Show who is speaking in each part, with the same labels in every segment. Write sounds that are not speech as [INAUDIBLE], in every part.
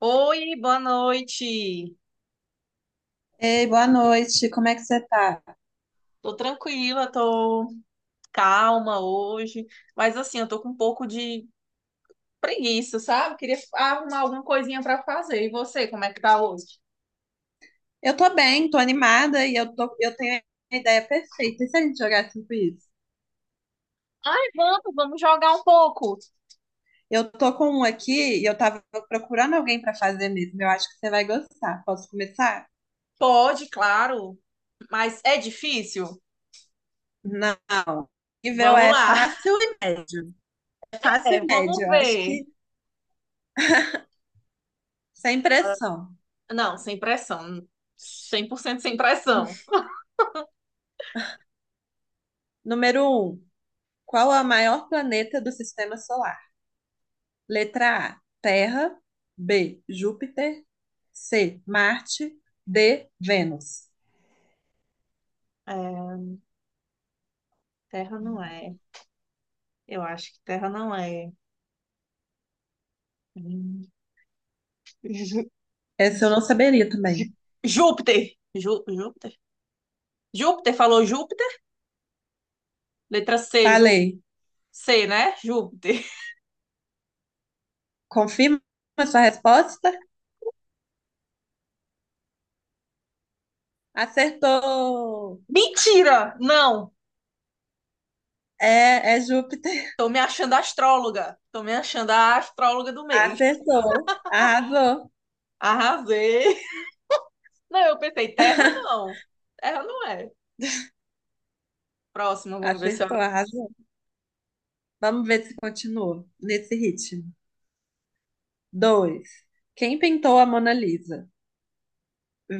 Speaker 1: Oi, boa noite.
Speaker 2: Ei, boa noite, como é que você tá?
Speaker 1: Tô tranquila, tô calma hoje, mas assim, eu tô com um pouco de preguiça, sabe? Queria arrumar alguma coisinha pra fazer. E você, como é que tá hoje?
Speaker 2: Eu tô bem, tô animada e eu tenho a ideia perfeita. E se a gente jogar assim isso?
Speaker 1: Ai, vamos jogar um pouco.
Speaker 2: Eu tô com um aqui e eu tava procurando alguém pra fazer mesmo. Eu acho que você vai gostar. Posso começar?
Speaker 1: Pode, claro, mas é difícil?
Speaker 2: Não. Nível
Speaker 1: Vamos
Speaker 2: é
Speaker 1: lá. [LAUGHS]
Speaker 2: fácil e médio. É fácil
Speaker 1: É,
Speaker 2: e médio,
Speaker 1: vamos
Speaker 2: eu acho
Speaker 1: ver.
Speaker 2: que sem pressão.
Speaker 1: Não, sem pressão. 100% sem pressão.
Speaker 2: Número um, qual é o maior planeta do sistema solar? Letra A, Terra. B, Júpiter. C, Marte. D, Vênus.
Speaker 1: É, terra não é. Eu acho que terra não é. Hum,
Speaker 2: Essa eu não saberia também.
Speaker 1: [LAUGHS] Júpiter. Júpiter? Júpiter falou Júpiter? Letra C, Jú...
Speaker 2: Falei.
Speaker 1: C, né? Júpiter.
Speaker 2: Confirma a sua resposta? Acertou!
Speaker 1: Mentira! Não!
Speaker 2: É, é Júpiter.
Speaker 1: Tô me achando astróloga. Tô me achando a astróloga do
Speaker 2: [LAUGHS]
Speaker 1: mês.
Speaker 2: Acertou. Arrasou.
Speaker 1: Arrasei. Não, eu pensei, Terra não. Terra não é. Próxima vamos ver se eu...
Speaker 2: Acertou, arrasou. Vamos ver se continua nesse ritmo. Dois. Quem pintou a Mona Lisa?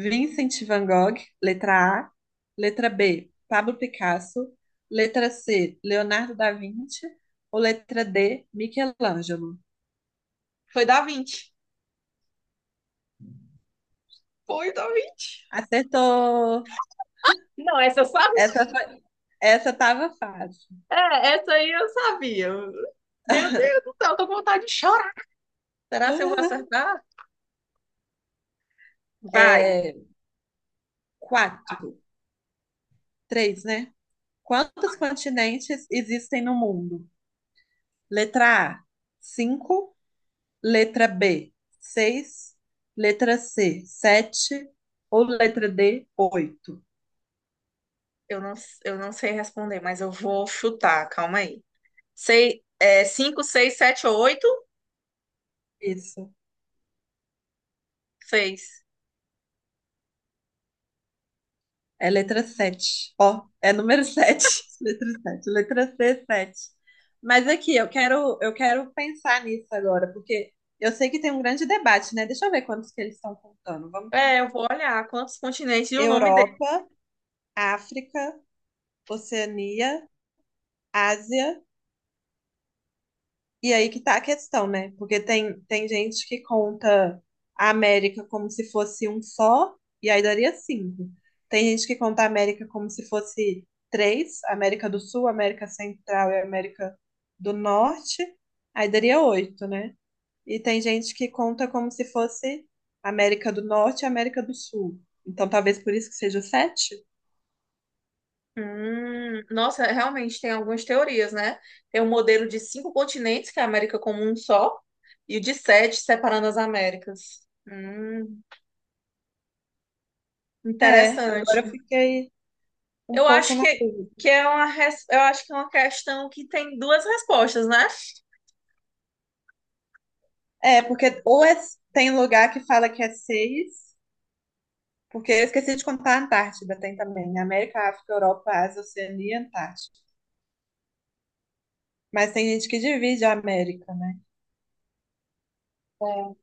Speaker 2: Vincent van Gogh, letra A. Letra B, Pablo Picasso. Letra C, Leonardo da Vinci. Ou letra D, Michelangelo.
Speaker 1: Foi da 20. Foi da 20.
Speaker 2: Acertou!
Speaker 1: Não, essa eu sabia.
Speaker 2: Essa foi, essa tava fácil.
Speaker 1: É, essa aí eu sabia. Meu Deus do céu, tô com vontade de chorar. Será que eu vou acertar? Vai.
Speaker 2: É, quatro, três, né? Quantos continentes existem no mundo? Letra A, cinco. Letra B, seis. Letra C, sete. Ou letra D, oito.
Speaker 1: Eu não, eu não sei responder, mas eu vou chutar. Calma aí. Sei, é, cinco, seis, sete ou oito?
Speaker 2: Isso.
Speaker 1: Seis.
Speaker 2: É letra 7. Ó, é número sete. [LAUGHS] Letra sete. Letra C, sete. Mas aqui, eu quero pensar nisso agora, porque eu sei que tem um grande debate, né? Deixa eu ver quantos que eles estão contando. Vamos
Speaker 1: É, eu
Speaker 2: contar.
Speaker 1: vou olhar quantos continentes e o nome dele.
Speaker 2: Europa, África, Oceania, Ásia, e aí que tá a questão, né? Porque tem gente que conta a América como se fosse um só, e aí daria cinco. Tem gente que conta a América como se fosse três, América do Sul, América Central e América do Norte, aí daria oito, né? E tem gente que conta como se fosse América do Norte e América do Sul. Então talvez por isso que seja sete?
Speaker 1: Nossa, realmente tem algumas teorias, né? Tem um modelo de cinco continentes, que é a América como um só, e o de sete, separando as Américas. Hum,
Speaker 2: É, agora
Speaker 1: interessante.
Speaker 2: eu fiquei um
Speaker 1: Eu
Speaker 2: pouco
Speaker 1: acho
Speaker 2: na dúvida.
Speaker 1: que é uma, eu acho que é uma questão que tem duas respostas, né?
Speaker 2: É, porque tem lugar que fala que é seis, porque eu esqueci de contar a Antártida, tem também, né? América, África, Europa, Ásia, Oceania e Antártida. Mas tem gente que divide a América, né?
Speaker 1: É,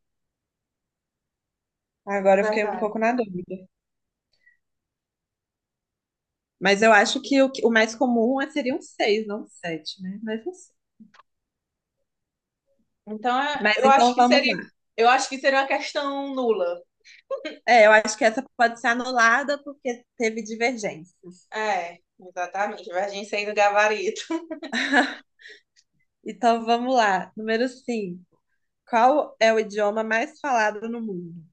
Speaker 2: Agora eu fiquei um
Speaker 1: verdade.
Speaker 2: pouco na dúvida. Mas eu acho que o mais comum seria um seis, não um sete, né? Mas não sei.
Speaker 1: Então, é-
Speaker 2: Mas
Speaker 1: eu acho
Speaker 2: então
Speaker 1: que
Speaker 2: vamos
Speaker 1: seria,
Speaker 2: lá.
Speaker 1: eu acho que seria uma questão nula.
Speaker 2: É, eu acho que essa pode ser anulada porque teve divergências.
Speaker 1: É, exatamente. Divergência aí do gabarito. [LAUGHS]
Speaker 2: [LAUGHS] Então vamos lá. Número 5. Qual é o idioma mais falado no mundo?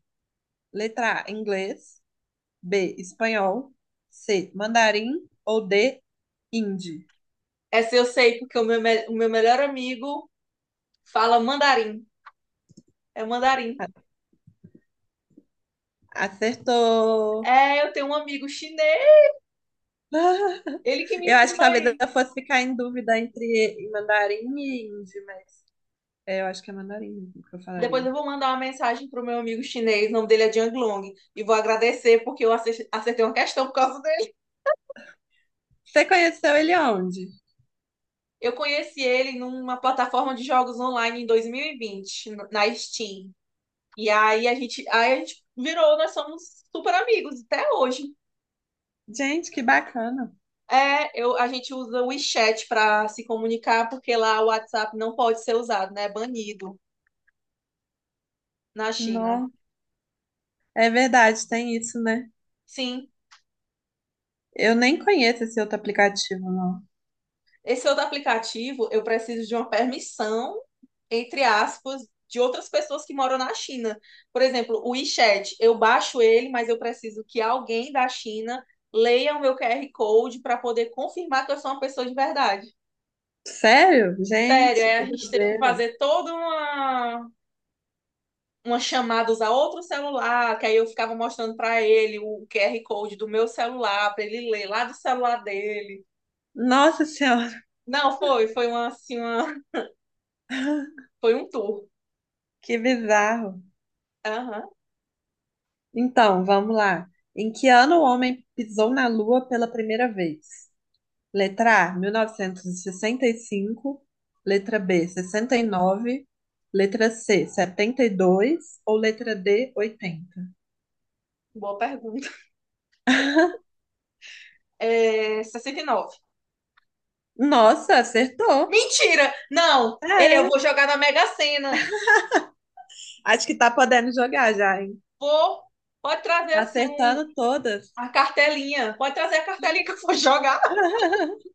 Speaker 2: Letra A, inglês. B, espanhol. C, mandarim. Ou D, hindi.
Speaker 1: Essa eu sei, porque o meu melhor amigo fala mandarim. É mandarim.
Speaker 2: Acertou!
Speaker 1: É, eu tenho um amigo chinês,
Speaker 2: [LAUGHS]
Speaker 1: ele que me
Speaker 2: Eu acho que
Speaker 1: ensinou
Speaker 2: talvez
Speaker 1: isso.
Speaker 2: eu fosse ficar em dúvida entre mandarim e hindi, mas é, eu acho que é mandarim mesmo que eu
Speaker 1: Depois
Speaker 2: falaria.
Speaker 1: eu vou mandar uma mensagem pro meu amigo chinês, o nome dele é Jiang Long, e vou agradecer porque eu acertei uma questão por causa dele.
Speaker 2: Você conheceu ele onde?
Speaker 1: Eu conheci ele numa plataforma de jogos online em 2020, na Steam. E aí a gente virou, nós somos super amigos até hoje.
Speaker 2: Gente, que bacana!
Speaker 1: É, eu, a gente usa o WeChat para se comunicar, porque lá o WhatsApp não pode ser usado, né? É banido na China.
Speaker 2: Não, é verdade, tem isso, né?
Speaker 1: Sim,
Speaker 2: Eu nem conheço esse outro aplicativo, não.
Speaker 1: esse outro aplicativo, eu preciso de uma permissão, entre aspas, de outras pessoas que moram na China. Por exemplo, o WeChat, eu baixo ele, mas eu preciso que alguém da China leia o meu QR Code para poder confirmar que eu sou uma pessoa de verdade.
Speaker 2: Sério?
Speaker 1: Sério,
Speaker 2: Gente,
Speaker 1: é, a
Speaker 2: que
Speaker 1: gente teve que
Speaker 2: doideira!
Speaker 1: fazer toda umas chamadas a outro celular, que aí eu ficava mostrando para ele o QR Code do meu celular, para ele ler lá do celular dele.
Speaker 2: Nossa Senhora,
Speaker 1: Não, foi uma, assim, uma, [LAUGHS]
Speaker 2: [LAUGHS]
Speaker 1: foi um tour.
Speaker 2: que bizarro!
Speaker 1: Aham,
Speaker 2: Então, vamos lá. Em que ano o homem pisou na Lua pela primeira vez? Letra A, mil novecentos e sessenta e cinco. Letra B, 69. Letra C, 72. Ou letra D, 80.
Speaker 1: boa pergunta.
Speaker 2: [LAUGHS]
Speaker 1: É, 69.
Speaker 2: Nossa, acertou!
Speaker 1: Mentira! Não, eu vou
Speaker 2: Sério.
Speaker 1: jogar na Mega Sena.
Speaker 2: Acho que tá podendo jogar já, hein?
Speaker 1: Vou, pode trazer
Speaker 2: Tá
Speaker 1: assim um,
Speaker 2: acertando todas.
Speaker 1: a cartelinha. Pode trazer a cartelinha que eu vou jogar.
Speaker 2: [LAUGHS]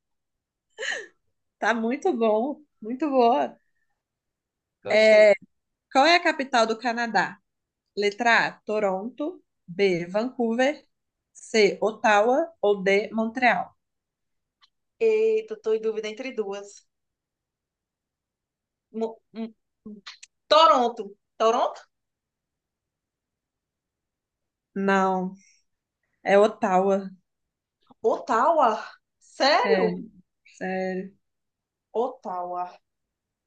Speaker 2: Tá muito bom, muito boa.
Speaker 1: Gostei.
Speaker 2: É, qual é a capital do Canadá? Letra A, Toronto. B, Vancouver. C, Ottawa. Ou D, Montreal.
Speaker 1: Eita, tô em dúvida entre duas. Mo- hum, hum. Toronto. Toronto?
Speaker 2: Não, é Ottawa.
Speaker 1: Ottawa?
Speaker 2: É,
Speaker 1: Sério?
Speaker 2: sério.
Speaker 1: Ottawa.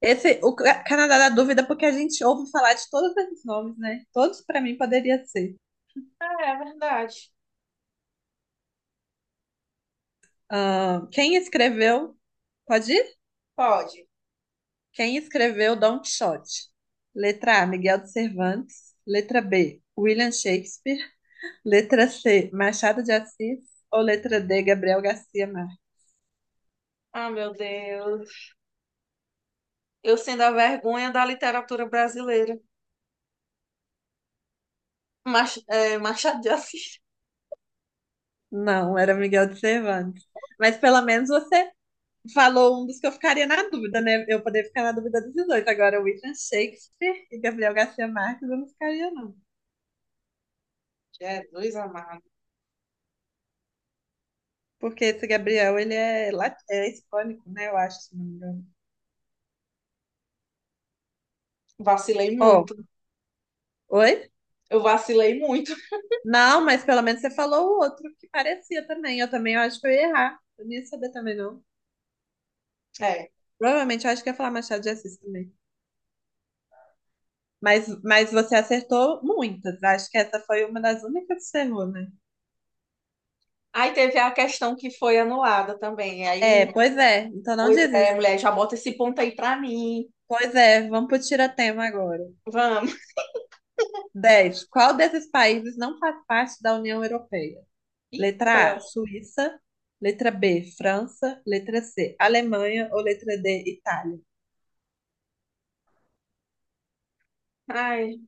Speaker 2: Esse, o Canadá dá dúvida porque a gente ouve falar de todos esses nomes, né? Todos para mim poderia ser.
Speaker 1: Ah, é verdade.
Speaker 2: Ah, quem escreveu? Pode ir?
Speaker 1: Pode.
Speaker 2: Quem escreveu Don Quixote? Letra A, Miguel de Cervantes. Letra B, William Shakespeare. Letra C, Machado de Assis. Ou letra D, Gabriel Garcia Marques.
Speaker 1: Ah, meu Deus. Eu sendo a vergonha da literatura brasileira. Machado de Assis.
Speaker 2: Não, era Miguel de Cervantes. Mas pelo menos você falou um dos que eu ficaria na dúvida, né? Eu poderia ficar na dúvida desses dois. Agora, William Shakespeare e Gabriel Garcia Marques, eu não ficaria, não.
Speaker 1: Jesus amado.
Speaker 2: Porque esse Gabriel, ele é hispânico, né? Eu acho, se não me engano.
Speaker 1: Vacilei
Speaker 2: Ó,
Speaker 1: muito.
Speaker 2: oi?
Speaker 1: Eu vacilei muito.
Speaker 2: Não, mas pelo menos você falou o outro que parecia também. Eu também eu acho que eu ia errar. Eu não ia saber também, não.
Speaker 1: É.
Speaker 2: Provavelmente eu acho que ia falar Machado de Assis também. Mas você acertou muitas. Acho que essa foi uma das únicas que você errou, né?
Speaker 1: Aí teve a questão que foi anulada também.
Speaker 2: É,
Speaker 1: Aí,
Speaker 2: pois é. Então não
Speaker 1: pois
Speaker 2: diz
Speaker 1: é,
Speaker 2: isso.
Speaker 1: mulher, já bota esse ponto aí pra mim.
Speaker 2: Pois é, vamos pro tiratema agora.
Speaker 1: Vamos.
Speaker 2: 10. Qual desses países não faz parte da União Europeia? Letra A,
Speaker 1: Eita.
Speaker 2: Suíça. Letra B, França. Letra C, Alemanha. Ou letra D, Itália?
Speaker 1: Ai.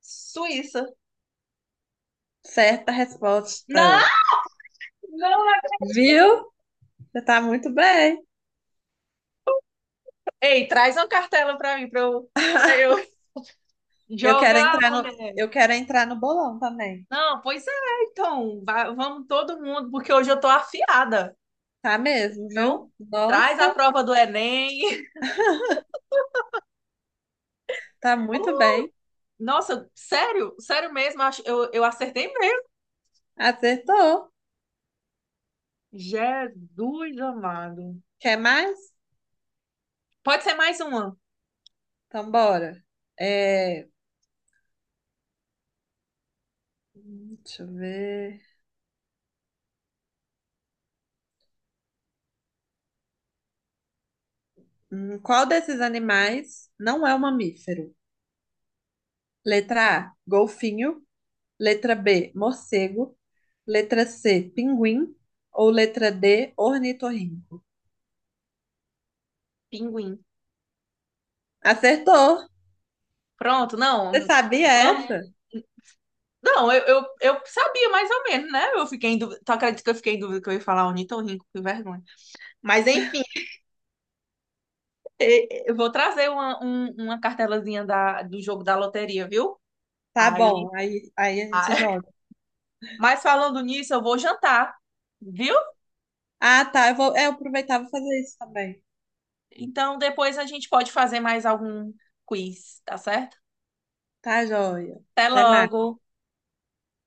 Speaker 1: Suíça.
Speaker 2: Certa
Speaker 1: Não,
Speaker 2: resposta.
Speaker 1: não. Não.
Speaker 2: Viu? Você tá muito bem.
Speaker 1: Ei, traz uma cartela pra mim, pra eu
Speaker 2: Eu quero
Speaker 1: jogar,
Speaker 2: entrar no,
Speaker 1: mulher.
Speaker 2: eu quero entrar no bolão também.
Speaker 1: Não, pois é, então, vamos todo mundo, porque hoje eu tô afiada,
Speaker 2: Tá mesmo,
Speaker 1: então
Speaker 2: viu?
Speaker 1: traz a
Speaker 2: Nossa,
Speaker 1: prova do Enem. [LAUGHS]
Speaker 2: tá muito bem.
Speaker 1: Nossa, sério, sério mesmo, eu acertei mesmo.
Speaker 2: Acertou.
Speaker 1: Jesus amado.
Speaker 2: Quer mais?
Speaker 1: Pode ser mais uma,
Speaker 2: Então bora. É, deixa eu ver. Qual desses animais não é um mamífero? Letra A, golfinho. Letra B, morcego. Letra C, pinguim. Ou letra D, ornitorrinco.
Speaker 1: pinguim.
Speaker 2: Acertou!
Speaker 1: Pronto,
Speaker 2: Você
Speaker 1: não,
Speaker 2: sabia
Speaker 1: vamos.
Speaker 2: essa?
Speaker 1: Não, eu sabia mais ou menos, né? Eu fiquei em dúvida, tu acredita que eu fiquei em dúvida que eu ia falar ornitorrinco, que vergonha. Mas enfim, eu vou trazer uma cartelazinha do jogo da loteria, viu?
Speaker 2: Tá
Speaker 1: Aí.
Speaker 2: bom, aí a gente joga.
Speaker 1: Mas falando nisso, eu vou jantar, viu?
Speaker 2: Ah, tá. Eu vou, é, eu aproveitar e vou fazer isso também.
Speaker 1: Então depois a gente pode fazer mais algum quiz, tá certo?
Speaker 2: Tá, joia.
Speaker 1: Até
Speaker 2: Até mais.
Speaker 1: logo!